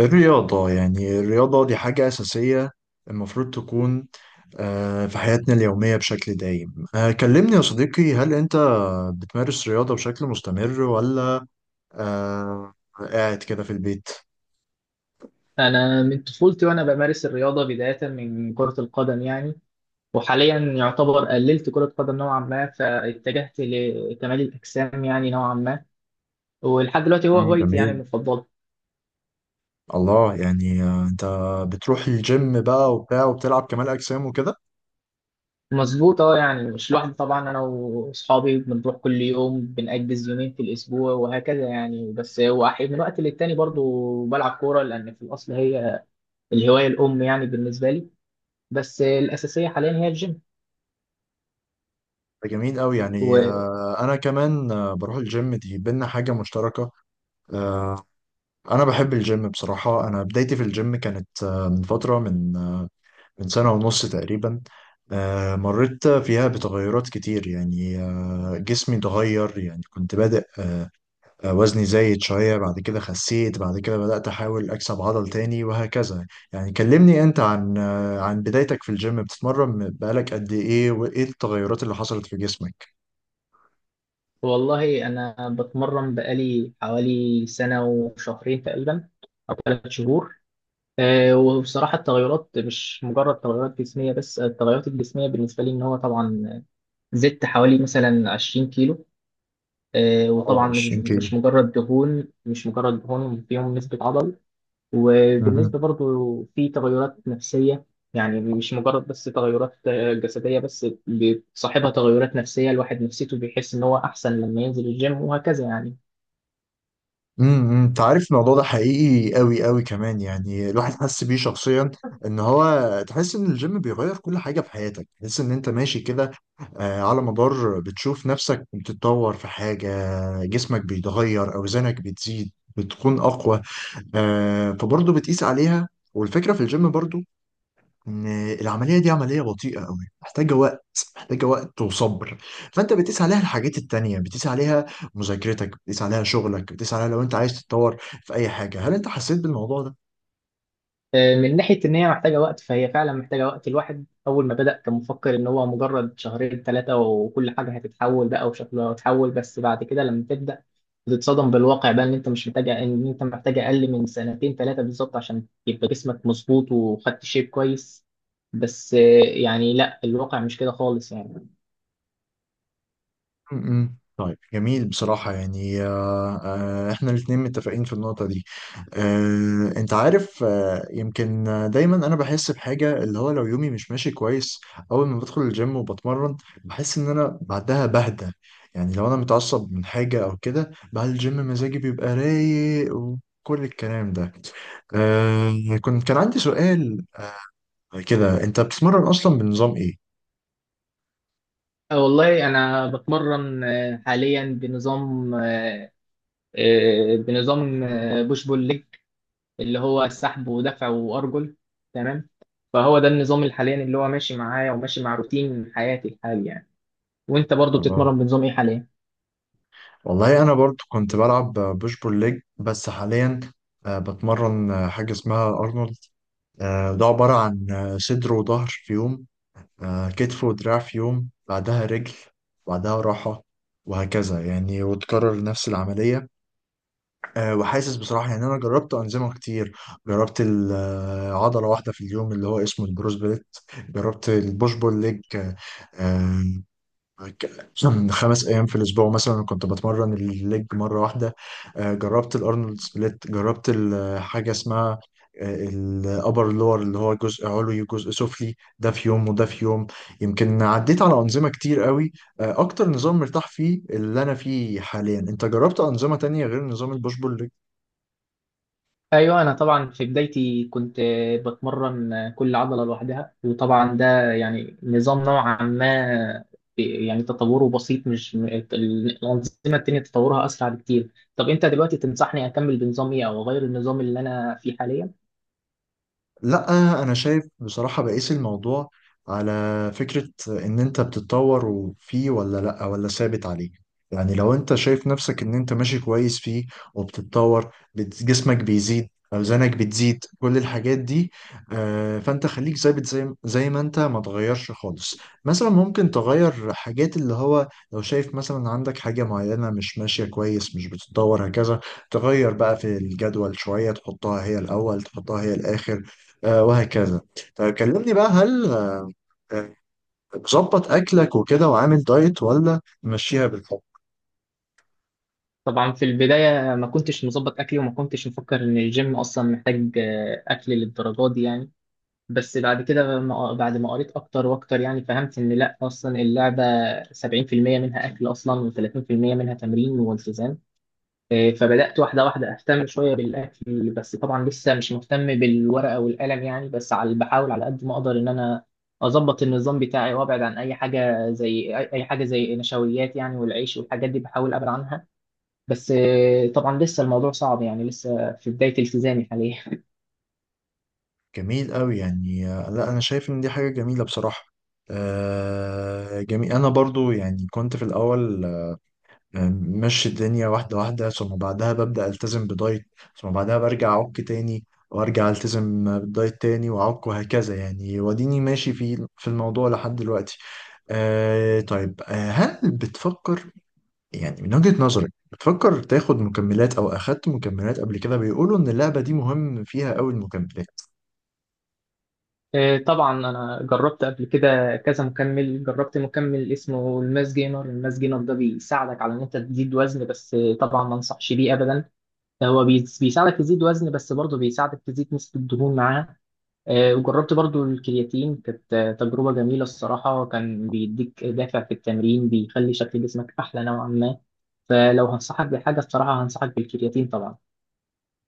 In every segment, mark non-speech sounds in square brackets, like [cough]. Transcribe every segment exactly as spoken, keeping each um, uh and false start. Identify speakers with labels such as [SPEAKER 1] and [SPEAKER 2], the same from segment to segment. [SPEAKER 1] الرياضة يعني الرياضة دي حاجة أساسية المفروض تكون آه، في حياتنا اليومية بشكل دايم. آه، كلمني يا صديقي، هل أنت بتمارس رياضة بشكل مستمر ولا آه، قاعد كده في البيت؟
[SPEAKER 2] أنا من طفولتي وأنا بمارس الرياضة بداية من كرة القدم يعني. وحاليا يعتبر قللت كرة قدم نوعا ما، فاتجهت لكمال الأجسام يعني نوعا ما. ولحد دلوقتي هو
[SPEAKER 1] مم،
[SPEAKER 2] هوايتي يعني
[SPEAKER 1] جميل.
[SPEAKER 2] المفضلة.
[SPEAKER 1] الله، يعني آه، أنت بتروح الجيم بقى وبتاع وبتلعب كمال أجسام وكده.
[SPEAKER 2] مظبوط اه، يعني مش لوحدي طبعا، أنا وأصحابي بنروح كل يوم، بنأجز يومين في الأسبوع وهكذا يعني. بس هو أحيانا من وقت للتاني برضو بلعب كورة، لأن في الأصل هي الهواية الأم يعني بالنسبة لي. بس الأساسية حاليا هي الجيم.
[SPEAKER 1] ده جميل أوي. يعني آه، أنا كمان آه، بروح الجيم، دي بينا حاجة مشتركة. آه، أنا بحب الجيم بصراحة. أنا بدايتي في الجيم كانت آه، من فترة، من من سنة ونص تقريبا. آه، مريت فيها بتغيرات كتير. يعني آه، جسمي اتغير، يعني كنت بادئ آه، وزني زايد شوية، بعد كده خسيت، بعد كده بدأت أحاول أكسب عضل تاني وهكذا. يعني كلمني أنت عن آه، عن بدايتك في الجيم، بتتمرن بقالك قد إيه وإيه التغيرات اللي حصلت في جسمك؟
[SPEAKER 2] والله أنا بتمرن بقالي حوالي سنة وشهرين تقريبا، أو ثلاث شهور. أه، وبصراحة التغيرات مش مجرد تغيرات جسمية بس، التغيرات الجسمية بالنسبة لي إن هو طبعا زدت حوالي مثلا عشرين كيلو. أه،
[SPEAKER 1] اه،
[SPEAKER 2] وطبعا مش
[SPEAKER 1] عشرين كيلو.
[SPEAKER 2] مش مجرد دهون، مش مجرد دهون، فيهم نسبة عضل. وبالنسبة برضو في تغيرات نفسية، يعني مش مجرد بس تغيرات آه، جسدية، بس بتصاحبها تغيرات نفسية. الواحد نفسيته بيحس إن هو أحسن لما ينزل الجيم وهكذا يعني.
[SPEAKER 1] امم، امم. انت عارف الموضوع ده حقيقي قوي قوي كمان، يعني الواحد حس بيه شخصيا ان هو، تحس ان الجيم بيغير كل حاجه في حياتك. تحس ان انت ماشي كده آه، على مدار، بتشوف نفسك بتتطور في حاجه، جسمك بيتغير، اوزانك بتزيد، بتكون اقوى. آه، فبرضه بتقيس عليها. والفكره في الجيم برضه ان العمليه دي عمليه بطيئه قوي، محتاجه وقت، محتاجه وقت وصبر. فانت بتقيس عليها الحاجات التانية، بتقيس عليها مذاكرتك، بتقيس عليها شغلك، بتقيس عليها لو انت عايز تتطور في اي حاجه. هل انت حسيت بالموضوع ده؟
[SPEAKER 2] آه، من ناحية إن هي محتاجة وقت، فهي فعلا محتاجة وقت. الواحد أول ما بدأ كان مفكر إن هو مجرد شهرين ثلاثة وكل حاجة هتتحول بقى وشكلها هتتحول، بس بعد كده لما تبدأ بتتصدم بالواقع بقى إن أنت مش محتاج، إن أنت محتاج أقل من سنتين ثلاثة بالظبط عشان يبقى جسمك مظبوط وخدت شيب كويس. بس آه، يعني لا، الواقع مش كده خالص يعني.
[SPEAKER 1] م-م. طيب جميل بصراحة. يعني آه، آه، احنا الاتنين متفقين في النقطة دي. آه، انت عارف، آه، يمكن آه، دايما انا بحس بحاجة، اللي هو لو يومي مش ماشي كويس، اول ما بدخل الجيم وبتمرن، بحس ان انا بعدها بهدى. يعني لو انا متعصب من حاجة او كده، بعد الجيم مزاجي بيبقى رايق وكل الكلام ده. آه، كنت، كان عندي سؤال كده، انت بتتمرن اصلا بنظام ايه؟
[SPEAKER 2] آه، والله أنا بتمرن آه، حاليا بنظام آه، بنظام بوش بول ليج. اللي هو سحب ودفع وارجل. تمام. فهو ده النظام الحالي اللي هو ماشي معايا وماشي مع روتين حياتي الحالي يعني. وانت برضو
[SPEAKER 1] الله،
[SPEAKER 2] بتتمرن بنظام ايه حاليا؟
[SPEAKER 1] والله انا برضو كنت بلعب بوش بول ليج، بس حاليا آه، بتمرن آه، حاجه اسمها ارنولد. آه، ده عباره عن آه، صدر وظهر في يوم، آه، كتف ودراع في يوم، بعدها رجل، بعدها راحه، وهكذا يعني، وتكرر نفس العمليه. آه، وحاسس بصراحه، يعني انا جربت انظمه كتير. جربت ال- آه، عضله واحده في اليوم، اللي هو اسمه البروس بليت. جربت البوش بول ليج، آه، آه، كان خمس ايام في الاسبوع، مثلا كنت بتمرن الليج مره واحده. آه، جربت الارنولد سبليت. جربت ال- آه، حاجه اسمها آه، الابر لور، اللي هو جزء علوي وجزء سفلي، ده في يوم وده في يوم. يمكن عديت على انظمه كتير قوي. آه، اكتر نظام مرتاح فيه اللي انا فيه حاليا. انت جربت انظمه تانية غير نظام البوش بول؟
[SPEAKER 2] ايوه، انا طبعا في بدايتي كنت بتمرن كل عضله لوحدها، وطبعا ده يعني نظام نوعا ما، يعني تطوره بسيط، مش الانظمه التانيه تطورها اسرع بكتير. طب انت دلوقتي تنصحني اكمل بنظام ايه او اغير النظام اللي انا فيه حاليا؟
[SPEAKER 1] لا، انا شايف بصراحة بقيس الموضوع على فكرة ان انت بتتطور وفيه، ولا لا، ولا ثابت عليه. يعني لو انت شايف نفسك ان انت ماشي كويس فيه، وبتتطور، بت- جسمك بيزيد، اوزانك بتزيد، كل الحاجات دي، آه، فانت خليك ثابت، زي زي ما انت، ما تغيرش خالص. مثلا ممكن تغير حاجات، اللي هو لو شايف مثلا عندك حاجة معينة مش ماشية كويس، مش بتتطور هكذا، تغير بقى في الجدول شوية، تحطها هي الاول، تحطها هي الاخر، آه، وهكذا. طيب كلمني بقى، هل آه، آه، مظبط اكلك وكده وعامل دايت ولا ماشيها بالحب؟
[SPEAKER 2] طبعا في البداية ما كنتش مظبط أكلي، وما كنتش مفكر إن الجيم أصلا محتاج آه، أكل للدرجات دي يعني. بس بعد كده ما- بعد ما قريت أكتر وأكتر يعني فهمت إن لأ، أصلا اللعبة سبعين في المية منها أكل أصلا، و30% منها تمرين والتزام. آه، فبدأت واحدة واحدة أهتم شوية بالأكل، بس طبعا لسه مش مهتم بالورقة والقلم يعني، بس على بحاول على قد ما أقدر إن أنا أظبط النظام بتاعي وأبعد عن أي حاجة زي أي أي حاجة زي نشويات يعني، والعيش والحاجات دي بحاول أبعد عنها. بس آه، طبعا لسه الموضوع صعب يعني، لسه في بداية التزامي حاليا.
[SPEAKER 1] جميل قوي. يعني آه، لا انا شايف ان دي حاجه جميله بصراحه. آه، جميل. انا برضو يعني كنت في الاول آه، ماشي الدنيا واحده واحده، ثم بعدها ببدا التزم بدايت، ثم بعدها برجع اعك تاني، وارجع التزم بالدايت تاني واعك، وهكذا يعني. وديني ماشي في في الموضوع لحد دلوقتي. آه، طيب آه، هل بتفكر، يعني من وجهة نظرك بتفكر تاخد مكملات، او اخدت مكملات قبل كده؟ بيقولوا ان اللعبة دي مهم فيها قوي المكملات.
[SPEAKER 2] [laughs] آه، طبعا أنا جربت قبل كده كذا مكمل، جربت مكمل اسمه الماس جينر. الماس جينر ده بيساعدك على إن أنت تزيد وزن، بس آه، طبعا ما أنصحش بيه أبدا. هو بي- بيساعدك تزيد وزن، بس برضه بيساعدك تزيد نسبة الدهون معاه. آه، وجربت برضه الكرياتين، كانت آه، تجربة جميلة الصراحة، كان بيديك دافع في التمرين، بيخلي شكل جسمك أحلى نوعا ما. فلو هنصحك بحاجة الصراحة هنصحك بالكرياتين طبعا.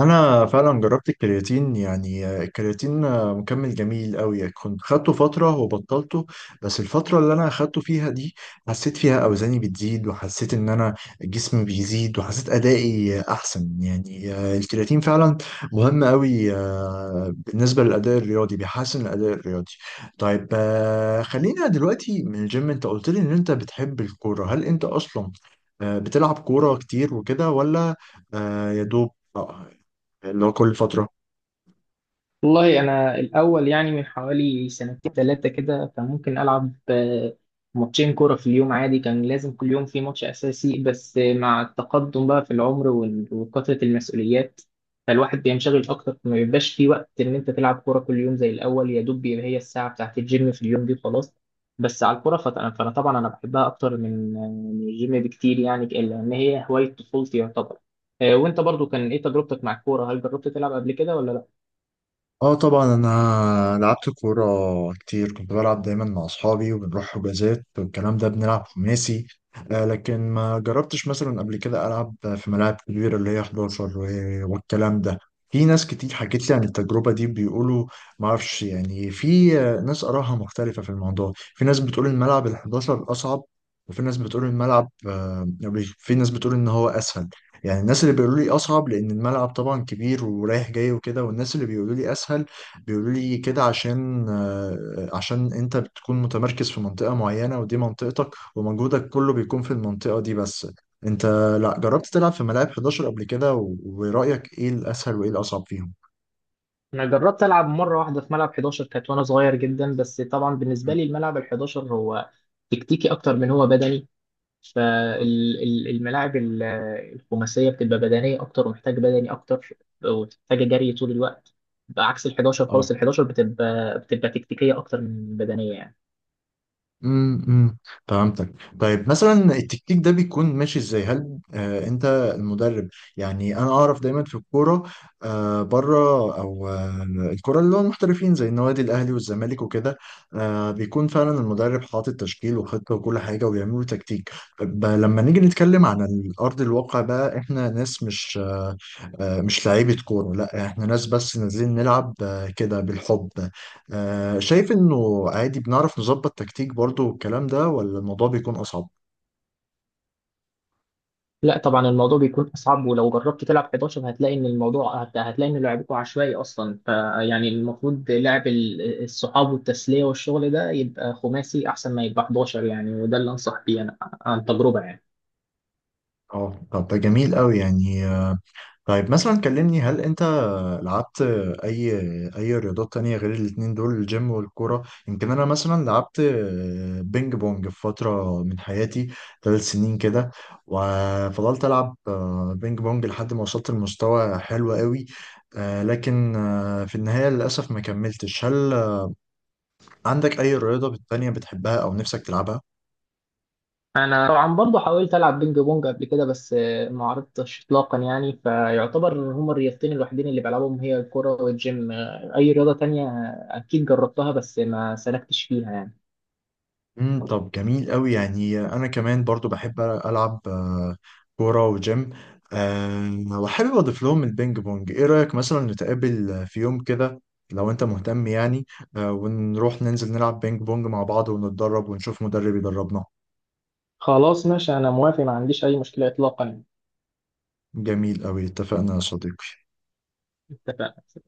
[SPEAKER 1] انا فعلا جربت الكرياتين. يعني الكرياتين مكمل جميل قوي. كنت خدته فتره وبطلته، بس الفتره اللي انا خدته فيها دي حسيت فيها اوزاني بتزيد، وحسيت ان انا جسمي بيزيد، وحسيت ادائي احسن. يعني الكرياتين فعلا مهم قوي آه، بالنسبه للاداء الرياضي، بيحسن الاداء الرياضي. طيب آه، خلينا دلوقتي من الجيم. انت قلت لي ان انت بتحب الكوره. هل انت اصلا آه، بتلعب كوره كتير وكده ولا آه، يا دوب آه، ان هو كل فترة؟
[SPEAKER 2] والله أنا الأول يعني من حوالي سنتين ثلاثة كده كان ممكن ألعب آه، ماتشين كورة في اليوم عادي، كان لازم كل يوم في ماتش أساسي. بس آه، مع التقدم بقى في العمر وال- وكثرة المسؤوليات، فالواحد بينشغل أكتر، ما بيبقاش في وقت إن أنت تلعب كورة كل يوم زي الأول، يا دوب بيبقى هي الساعة بتاعت الجيم في اليوم دي وخلاص. بس على الكورة فت- فأنا طبعا أنا بحبها أكتر من آه، من الجيم بكتير يعني، لأن هي هواية طفولتي يعتبر. آه، وأنت برضو كان إيه تجربتك مع الكورة؟ هل جربت تلعب قبل كده ولا لأ؟
[SPEAKER 1] اه طبعا، انا لعبت كوره كتير. كنت بلعب دايما مع اصحابي، وبنروح حجازات والكلام ده، بنلعب خماسي. آه، لكن ما جربتش مثلا قبل كده العب في ملاعب كبيره اللي هي حداشر و- والكلام ده. في ناس كتير حكت لي عن التجربه دي، بيقولوا، ما اعرفش يعني، في آه، ناس آرائها مختلفه في الموضوع. في ناس بتقول الملعب ال حداشر اصعب، وفي ناس بتقول الملعب آه، في ناس بتقول ان هو اسهل. يعني الناس اللي بيقولوا لي اصعب، لان الملعب طبعا كبير ورايح جاي وكده. والناس اللي بيقولوا لي اسهل، بيقولوا لي كده عشان آه، عشان انت بتكون متمركز في منطقة معينة، ودي منطقتك ومجهودك كله بيكون في المنطقة دي بس. انت لا جربت تلعب في ملاعب حداشر قبل كده؟ و- ورأيك ايه الاسهل وايه الاصعب فيهم؟
[SPEAKER 2] انا جربت العب مره واحده في ملعب حداشر كانت وانا صغير جدا، بس طبعا بالنسبه
[SPEAKER 1] مم.
[SPEAKER 2] لي الملعب ال حداشر هو تكتيكي اكتر من هو بدني، فالملاعب الخماسيه بتبقى بدنيه اكتر، ومحتاج بدني اكتر، ومحتاجه جري طول الوقت، بعكس ال حداشر خالص.
[SPEAKER 1] اه،
[SPEAKER 2] ال حداشر بتبقى بتبقى تكتيكيه اكتر من بدنيه يعني.
[SPEAKER 1] امم، فهمتك. طيب مثلا التكتيك ده بيكون ماشي ازاي؟ هل آه انت المدرب؟ يعني انا اعرف دايما في الكوره آه بره، او آه الكوره اللي هو المحترفين، زي النوادي الاهلي والزمالك وكده، آه بيكون فعلا المدرب حاطط تشكيل وخطه وكل حاجه، وبيعملوا تكتيك. ب- لما نيجي نتكلم عن الارض الواقع بقى، احنا ناس مش آه آه، مش لعيبه كوره، لا احنا ناس بس نازلين نلعب آه كده بالحب. آه، شايف انه عادي بنعرف نظبط تكتيك برضو والكلام ده، ولا الموضوع بيكون اصعب؟
[SPEAKER 2] لا طبعا الموضوع بيكون اصعب، ولو جربت تلعب حداشر هتلاقي ان الموضوع هت- هتلاقي ان لعبكم عشوائي اصلا، فيعني المفروض لعب ال- الصحاب والتسليه والشغل ده يبقى خماسي احسن ما يبقى أحد عشر يعني، وده اللي انصح بيه انا عن تجربه يعني.
[SPEAKER 1] اه طب ده جميل قوي. يعني آه، طيب مثلا كلمني، هل انت لعبت اي اي رياضات تانية غير الاتنين دول، الجيم والكورة؟ يمكن انا مثلا لعبت آه، بينج بونج في فترة من حياتي، ثلاث سنين كده، وفضلت العب آه، بينج بونج لحد ما وصلت لمستوى حلو قوي. آه، لكن آه، في النهاية للأسف ما كملتش. هل عندك أي رياضة تانية بتحبها أو نفسك تلعبها؟
[SPEAKER 2] انا طبعا برضه حاولت العب بينج بونج قبل كده، بس آه، ما عرفتش اطلاقا يعني، فيعتبر إن هما الرياضتين الوحيدين اللي بلعبهم هي الكوره والجيم. آه، اي رياضه تانية آه، اكيد جربتها بس ما سلكتش فيها يعني.
[SPEAKER 1] امم، طب جميل قوي. يعني انا كمان برضو بحب العب آه، كوره وجيم، آه، وحابب اضيف لهم البينج بونج. ايه رايك مثلا نتقابل في يوم كده، لو انت مهتم يعني، آه، ونروح ننزل نلعب بينج بونج مع بعض، ونتدرب ونشوف مدرب يدربنا؟
[SPEAKER 2] خلاص ماشي، انا موافق، ما عنديش اي مشكله اطلاقا.
[SPEAKER 1] جميل قوي، اتفقنا يا صديقي.
[SPEAKER 2] اتفقنا.